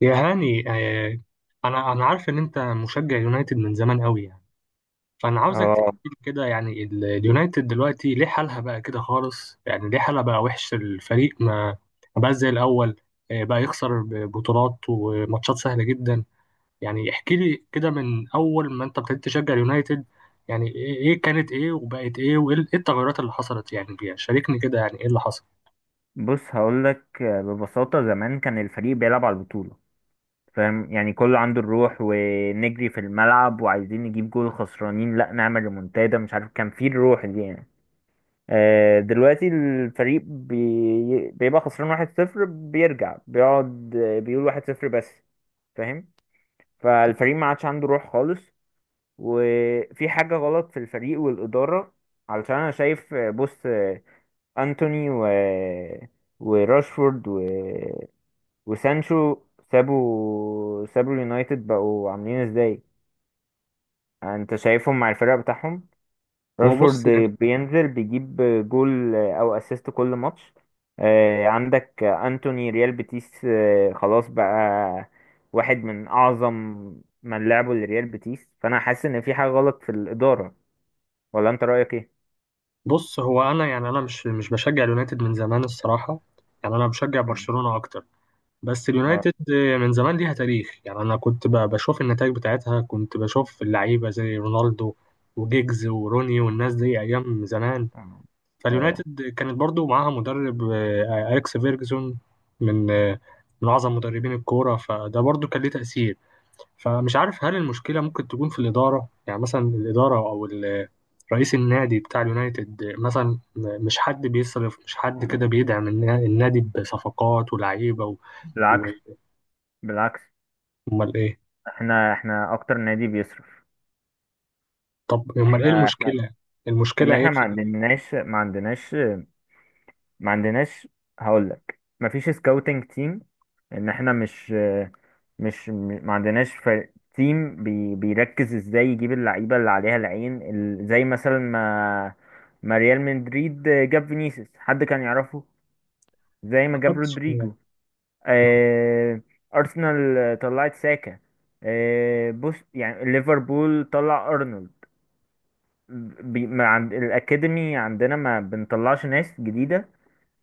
يا هاني آه، انا عارف ان انت مشجع يونايتد من زمان قوي يعني. فانا عاوزك اه. تحكي لي كده، يعني اليونايتد دلوقتي ليه حالها بقى كده خالص؟ يعني ليه حالها بقى وحش؟ الفريق ما بقاش زي الاول، آه، بقى يخسر بطولات وماتشات سهلة جدا. يعني احكي لي كده من اول ما انت ابتديت تشجع اليونايتد، يعني ايه إيه كانت وبقت ايه، وايه إيه التغيرات اللي حصلت يعني فيها؟ شاركني كده يعني ايه اللي حصل. بص هقول لك ببساطة، زمان كان الفريق بيلعب على البطولة، فاهم؟ يعني كله عنده الروح، ونجري في الملعب وعايزين نجيب جول، خسرانين لا نعمل ريمونتادا، مش عارف، كان فيه الروح دي يعني. دلوقتي الفريق بيبقى خسران واحد صفر، بيرجع بيقعد بيقول واحد صفر بس، فاهم؟ فالفريق ما عادش عنده روح خالص، وفي حاجة غلط في الفريق والإدارة، علشان أنا شايف. بص، انتوني وراشفورد وسانشو سابوا اليونايتد، بقوا عاملين ازاي؟ انت شايفهم مع الفرق بتاعهم. هو راشفورد بص. بينزل بيجيب جول او اسيست كل ماتش. عندك انتوني ريال بيتيس، خلاص بقى، واحد من اعظم من لعبوا لريال بيتيس. فانا حاسس ان في حاجة غلط في الإدارة، ولا انت رأيك ايه؟ بص، هو انا يعني انا مش بشجع اليونايتد من زمان الصراحه، يعني انا بشجع مم. برشلونه اكتر. بس اه. اليونايتد من زمان ليها تاريخ، يعني انا كنت بشوف النتائج بتاعتها، كنت بشوف اللعيبه زي رونالدو وجيجز وروني والناس دي ايام زمان. اه. آه. فاليونايتد كانت برضو معاها مدرب آه، اليكس فيرجسون، من آه، من اعظم مدربين الكوره، فده برضو كان ليه تاثير. فمش عارف هل المشكلة ممكن تكون في الإدارة؟ يعني مثلا الإدارة أو رئيس النادي بتاع اليونايتد مثلا، مش حد بيصرف، مش حد كده بيدعم النادي بصفقات ولعيبة و- بالعكس، بالعكس، أمال إيه؟ احنا اكتر نادي بيصرف. طب أمال إيه احنا المشكلة؟ ان المشكلة إيه احنا ما في عندناش ما عندناش ما عندناش هقول لك ما فيش سكاوتنج تيم، ان احنا مش ما عندناش فريق تيم بي بيركز ازاي يجيب اللعيبه اللي عليها العين زي مثلا ما ريال مدريد جاب فينيسيوس، حد كان يعرفه؟ زي ما جاب محدش كده. رودريجو. اه. ارسنال طلعت ساكا. بص، يعني ليفربول طلع ارنولد. بي... ما عند... الأكاديمي عندنا ما بنطلعش ناس جديدة،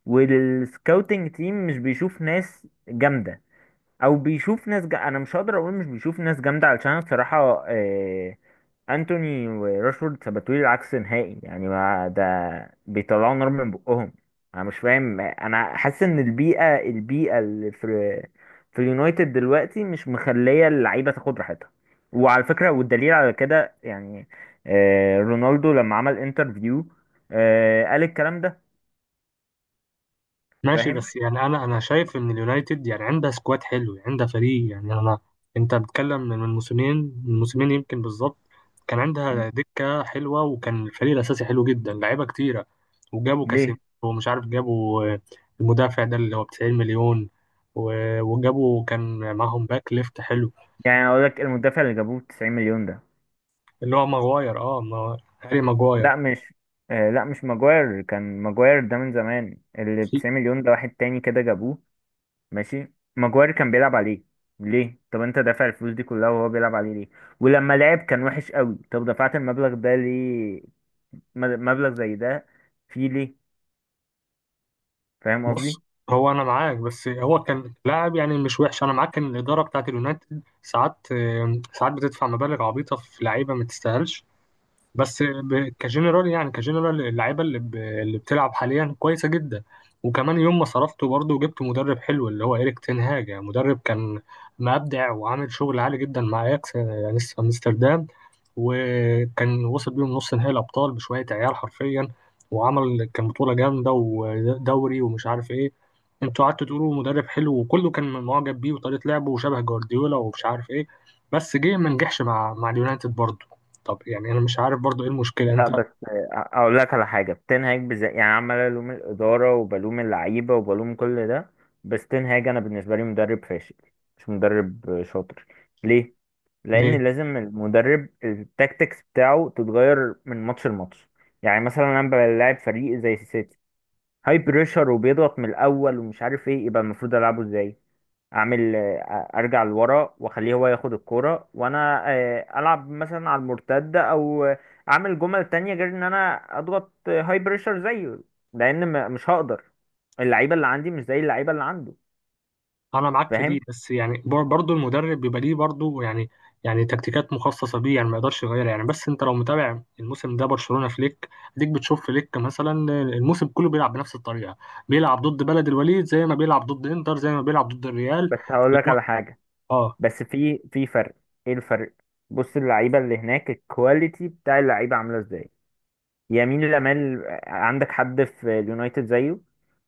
والسكاوتنج تيم مش بيشوف ناس جامدة، أو بيشوف أنا مش هقدر أقول مش بيشوف ناس جامدة، علشان بصراحة انتوني وراشفورد ثبتوا لي العكس نهائي، يعني ما ده بيطلعوا نار من بقهم. انا مش فاهم، انا حاسس ان البيئه اللي في في اليونايتد دلوقتي مش مخليه اللعيبه تاخد راحتها. وعلى فكره، والدليل على كده يعني رونالدو لما عمل انترفيو قال الكلام ده. ماشي، فاهم. بس يعني انا انا شايف ان اليونايتد يعني عندها سكواد حلو، يعني عندها فريق، يعني انا، انت بتتكلم من موسمين، من موسمين يمكن بالظبط، كان م. عندها دكة حلوة وكان الفريق الاساسي حلو جدا، لعيبة كتيرة. وجابوا كاسيميرو ليه؟ ومش عارف، جابوا آه، المدافع ده اللي هو ب 90 مليون، وجابوا، كان معاهم باك ليفت حلو، يعني اقول لك، المدافع اللي جابوه 90 مليون ده، اللي هو ماغواير، اه، هاري لا ماغواير. مش لا مش ماجواير، كان ماجواير ده من زمان، اللي 90 مليون ده واحد تاني كده جابوه. ماشي، ماجواير كان بيلعب عليه، ليه؟ طب انت دافع الفلوس دي كلها وهو بيلعب عليه ليه؟ ولما لعب كان وحش قوي، طب دفعت المبلغ ده ليه؟ مبلغ زي ده فيه ليه؟ فاهم بص، قصدي؟ هو انا معاك، بس هو كان لاعب يعني مش وحش. انا معاك ان الاداره بتاعت اليونايتد ساعات آه، ساعات بتدفع مبالغ عبيطه في لعيبه ما تستاهلش، بس كجنرال، يعني كجنرال اللعيبه اللي, اللي بتلعب حاليا كويسه جدا. وكمان يوم ما صرفته برضه، وجبت مدرب حلو اللي هو إيريك تين هاج، يعني مدرب كان مبدع وعامل شغل عالي جدا مع اياكس يعني في امستردام، وكان وصل بيهم نص نهائي الابطال بشويه عيال حرفيا، وعمل كان بطوله جامده ودوري ومش عارف ايه. انتوا قعدتوا تقولوا مدرب حلو، وكله كان معجب بيه وطريقه لعبه وشبه جوارديولا ومش عارف ايه، بس جه ما نجحش مع اليونايتد برضه. طب يعني انا مش عارف برضو ايه المشكله، لا، انت بس اقول لك على حاجه، يعني عمال الوم الاداره وبلوم اللعيبه وبلوم كل ده، بس تنهاج انا بالنسبه لي مدرب فاشل، مش مدرب شاطر. ليه؟ ليه؟ لان لازم المدرب التاكتكس بتاعه تتغير من ماتش لماتش. يعني مثلا انا بلاعب فريق زي السيتي، هاي بريشر وبيضغط من الاول ومش عارف ايه، يبقى المفروض العبه ازاي؟ اعمل ارجع لورا واخليه هو ياخد الكوره، وانا العب مثلا على المرتده، او اعمل جمل تانية غير ان انا اضغط هاي بريشر زيه، لان مش هقدر، اللعيبه اللي عندي مش زي اللعيبه اللي عنده، انا معاك في دي، فاهم؟ بس يعني برضو المدرب بيبقى ليه برضو يعني، يعني تكتيكات مخصصه بيه يعني، ما يقدرش يغيرها يعني. بس انت لو متابع الموسم ده برشلونه فليك، اديك بتشوف فليك مثلا الموسم كله بيلعب بنفس الطريقه، بيلعب ضد بلد الوليد زي ما بيلعب ضد انتر زي ما بيلعب ضد الريال. بس هقول لك على حاجه، اه. بس في فرق. ايه الفرق؟ بص، اللعيبه اللي هناك الكواليتي بتاع اللعيبه عامله ازاي؟ يمين لامال، عندك حد في اليونايتد زيه؟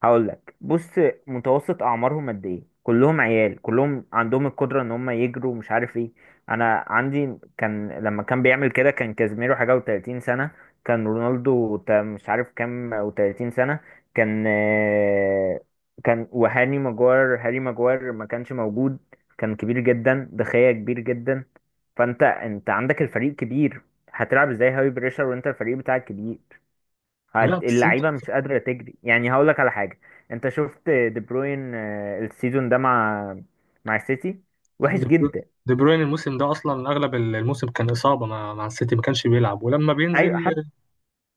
هقول لك، بص، متوسط اعمارهم قد ايه؟ كلهم عيال، كلهم عندهم القدره ان هم يجروا مش عارف ايه. انا عندي كان لما كان بيعمل كده كان كازيميرو حاجه و30 سنه، كان رونالدو مش عارف كام و30 سنه، كان كان وهاني ماجوار هاري ماجوار ما كانش موجود، كان كبير جدا، دخية كبير جدا. فانت، انت عندك الفريق كبير، هتلعب ازاي هاي بريشر وانت الفريق بتاعك كبير؟ لا بس انت، اللعيبه مش قادره تجري. يعني هقول لك على حاجه، انت شفت دي بروين السيزون ده مع السيتي وحش دي برو- جدا. دي بروين الموسم ده اصلا اغلب الموسم كان اصابه مع السيتي، ما كانش بيلعب، ولما ايوه، حتى بينزل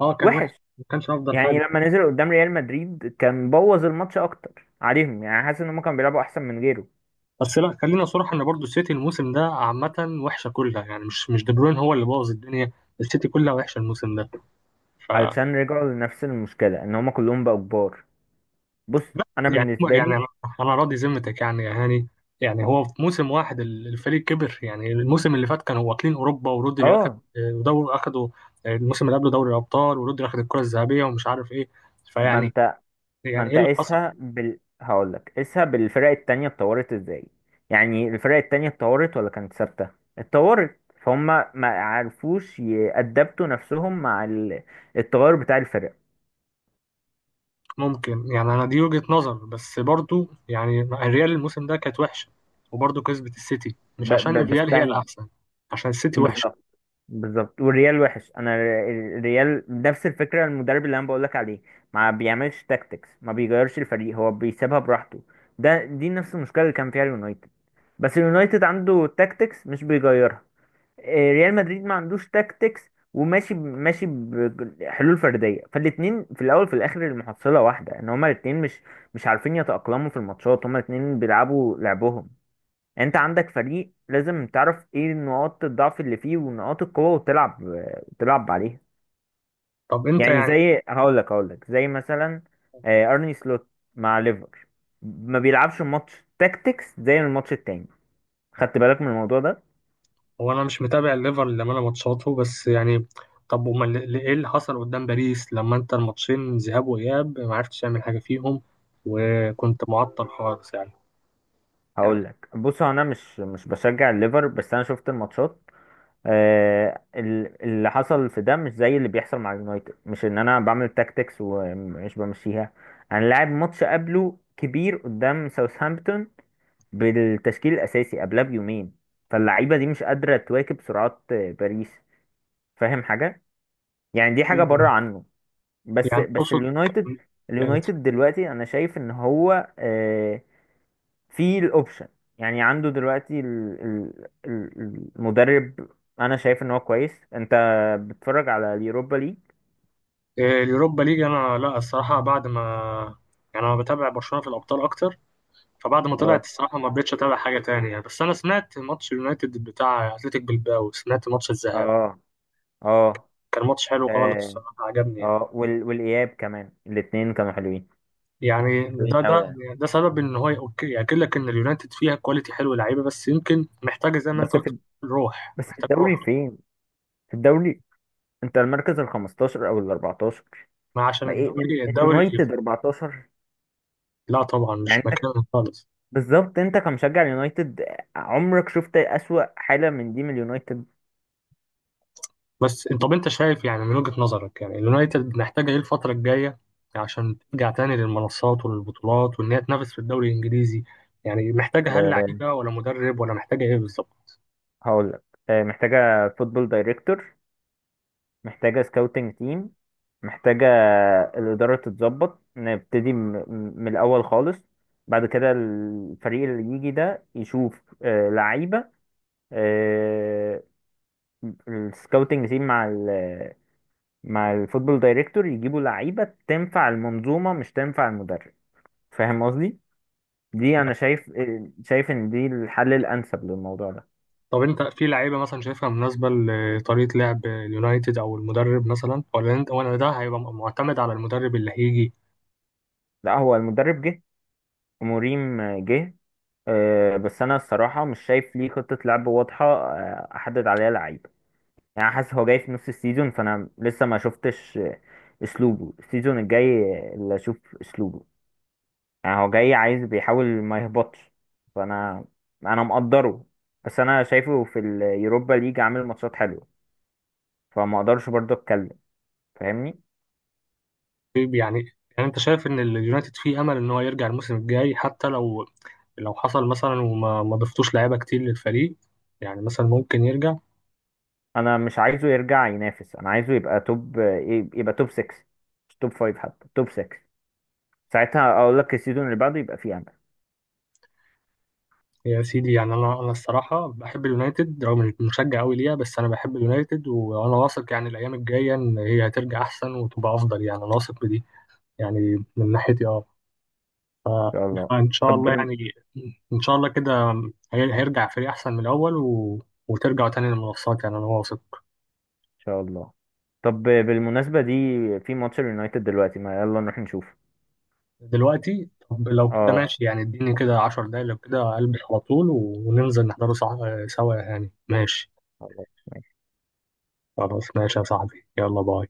اه كان وحش، وحش، ما كانش افضل يعني حاجه. لما نزل قدام ريال مدريد كان بوظ الماتش اكتر عليهم. يعني حاسس ان هم كانوا بيلعبوا احسن من غيره. بس لا، خلينا صراحة ان برضو السيتي الموسم ده عامة وحشة كلها، يعني مش دي بروين هو اللي بوظ الدنيا، السيتي كلها وحشة الموسم ده. ف، علشان رجعوا لنفس المشكله، ان هم كلهم بقوا كبار. بص، لا انا يعني، بالنسبه يعني لي... انا، أنا راضي ذمتك يعني يا هاني، يعني هو في موسم واحد الفريق كبر؟ يعني الموسم اللي فات كانوا واكلين اوروبا، ورودري اخد اه. دوري، اخدوا آه، الموسم اللي قبله دوري الابطال، ورودري اخد الكرة الذهبية ومش عارف ايه. ما فيعني، انت ما يعني ايه انت اللي حصل؟ قيسها بال، هقول لك قيسها بالفرق التانية، اتطورت ازاي؟ يعني الفرق التانية اتطورت ولا كانت ثابتة؟ اتطورت فهم، ما عرفوش يأدبتوا نفسهم مع التغير بتاع الفرق. ممكن يعني، انا دي وجهة نظر، بس برضو يعني الريال الموسم ده كانت وحشة، وبرضو كسبت السيتي مش عشان بس الريال هي ثاني، الاحسن، عشان السيتي وحشة. بالظبط، بالظبط، والريال وحش. انا الريال نفس الفكرة، المدرب اللي انا بقول لك عليه، ما بيعملش تاكتكس، ما بيغيرش الفريق، هو بيسيبها براحته. دي نفس المشكلة اللي كان فيها اليونايتد، بس اليونايتد عنده تاكتكس مش بيغيرها. ريال مدريد ما عندوش تاكتكس، وماشي ماشي بحلول فرديه، فالاتنين في الاول في الاخر المحصله واحده، ان هما الاتنين مش عارفين يتاقلموا في الماتشات، هما الاتنين بيلعبوا لعبهم. يعني انت عندك فريق، لازم تعرف ايه نقاط الضعف اللي فيه ونقاط القوه، وتلعب عليها. طب انت يعني يعني، زي هقول لك زي مثلا ارني سلوت مع ليفر، ما بيلعبش ماتش تاكتكس زي الماتش التاني، خدت بالك من الموضوع ده؟ هو انا مش متابع الليفر لما انا ماتشاته، بس يعني طب امال ايه اللي حصل قدام باريس لما انت الماتشين ذهاب واياب ما عرفتش تعمل حاجة فيهم، وكنت معطل خالص يعني؟ هقول يعني، لك، بص، هو انا مش بشجع الليفر بس انا شفت الماتشات. اللي حصل في ده مش زي اللي بيحصل مع اليونايتد، مش ان انا بعمل تاكتكس ومش بمشيها، انا لاعب ماتش قبله كبير قدام ساوثهامبتون بالتشكيل الاساسي قبلها بيومين، فاللعيبه دي مش قادره تواكب سرعات باريس، فاهم حاجه؟ يعني دي حاجه بره عنه. بس يعني بس تقصد اليونايتد، كانت، اليونايتد دلوقتي انا شايف ان هو في الاوبشن، يعني عنده دلوقتي المدرب، انا شايف ان هو كويس. انت بتتفرج على اليوروبا ليج؟ آه، اليوروبا ليج، انا لا الصراحة بعد ما، يعني انا بتابع برشلونة في الابطال اكتر، فبعد ما طلعت اه. الصراحة ما رضيتش أتابع حاجة تانية يعني، بس أنا سمعت ماتش اليونايتد بتاع أتلتيك بلباو، سمعت ماتش الذهاب، اه. اه. كان ماتش حلو خالص اه. الصراحة، عجبني يعني. اه. والاياب كمان، الاتنين كانوا حلوين، يعني حلوين ده قوي ده يعني. ده سبب إن هو أوكي، يأكد لك إن اليونايتد فيها كواليتي حلو، لعيبة، بس يمكن محتاجة زي ما أنت بس قلت، في، روح، بس في محتاج الدوري روح. فين؟ في الدوري انت المركز ال 15 او ال 14، ما عشان ما ايه من الدوري، الدوري اليونايتد 14؟ لا طبعا يعني مش انت، مكانه خالص. بالظبط، انت كمشجع اليونايتد عمرك شفت اسوأ حالة من دي من اليونايتد؟ بس انت، طب انت شايف يعني من وجهة نظرك يعني اليونايتد محتاجة ايه الفترة الجاية عشان ترجع تاني للمنصات والبطولات وان هي تنافس في الدوري الانجليزي؟ يعني محتاجة هل لعيبة ولا مدرب، ولا محتاجة ايه بالظبط؟ هقول لك، محتاجة فوتبول دايركتور، محتاجة سكاوتنج تيم، محتاجة الإدارة تتظبط، نبتدي من الأول خالص. بعد كده الفريق اللي يجي ده يشوف لعيبة، السكاوتنج تيم مع مع الفوتبول دايركتور يجيبوا لعيبة تنفع المنظومة، مش تنفع المدرب، فاهم قصدي؟ دي أنا شايف، شايف إن دي الحل الأنسب للموضوع ده. طب انت في لعيبة مثلا شايفها مناسبة لطريقة لعب اليونايتد او المدرب مثلا، ولا انت، ولا ده هيبقى معتمد على المدرب اللي هيجي؟ لا، هو المدرب جه، ومريم جه، بس انا الصراحه مش شايف ليه خطه لعب واضحه احدد عليها لعيبه، يعني حاسس هو جاي في نص السيزون، فانا لسه ما شفتش اسلوبه، السيزون الجاي اللي اشوف اسلوبه، يعني هو جاي عايز بيحاول ما يهبطش، فانا، انا مقدره، بس انا شايفه في اليوروبا ليج عامل ماتشات حلوه، فما اقدرش برضه اتكلم، فاهمني؟ طيب يعني، يعني انت شايف ان اليونايتد فيه امل ان هو يرجع الموسم الجاي، حتى لو، لو حصل مثلا وما ما ضفتوش لعيبة كتير للفريق، يعني مثلا ممكن يرجع؟ انا مش عايزه يرجع ينافس، انا عايزه يبقى توب يبقى توب 6، مش توب 5، حتى توب 6 ساعتها اقول لك السيزون اللي بعده يبقى فيه يا سيدي، يعني انا الصراحه بحب اليونايتد، رغم اني مشجع قوي ليها، بس انا بحب اليونايتد، وانا واثق يعني الايام الجايه ان هي هترجع احسن وتبقى افضل، يعني انا واثق بدي يعني من ناحيتي، اه. شاء الله. فان شاء طب الله ان يعني، ان شاء الله كده هيرجع فريق احسن من الاول، وترجع تاني للمنصات، يعني انا واثق. شاء الله. طب بالمناسبة دي، في ماتش اليونايتد دلوقتي ما، يلا نروح نشوفه. دلوقتي؟ طب لو كده اه. ماشي، يعني اديني كده 10 دقايق لو كده، البس على طول وننزل نحضره صح، سوا يعني، ماشي. خلاص. خلاص ماشي يا صاحبي، يلا باي.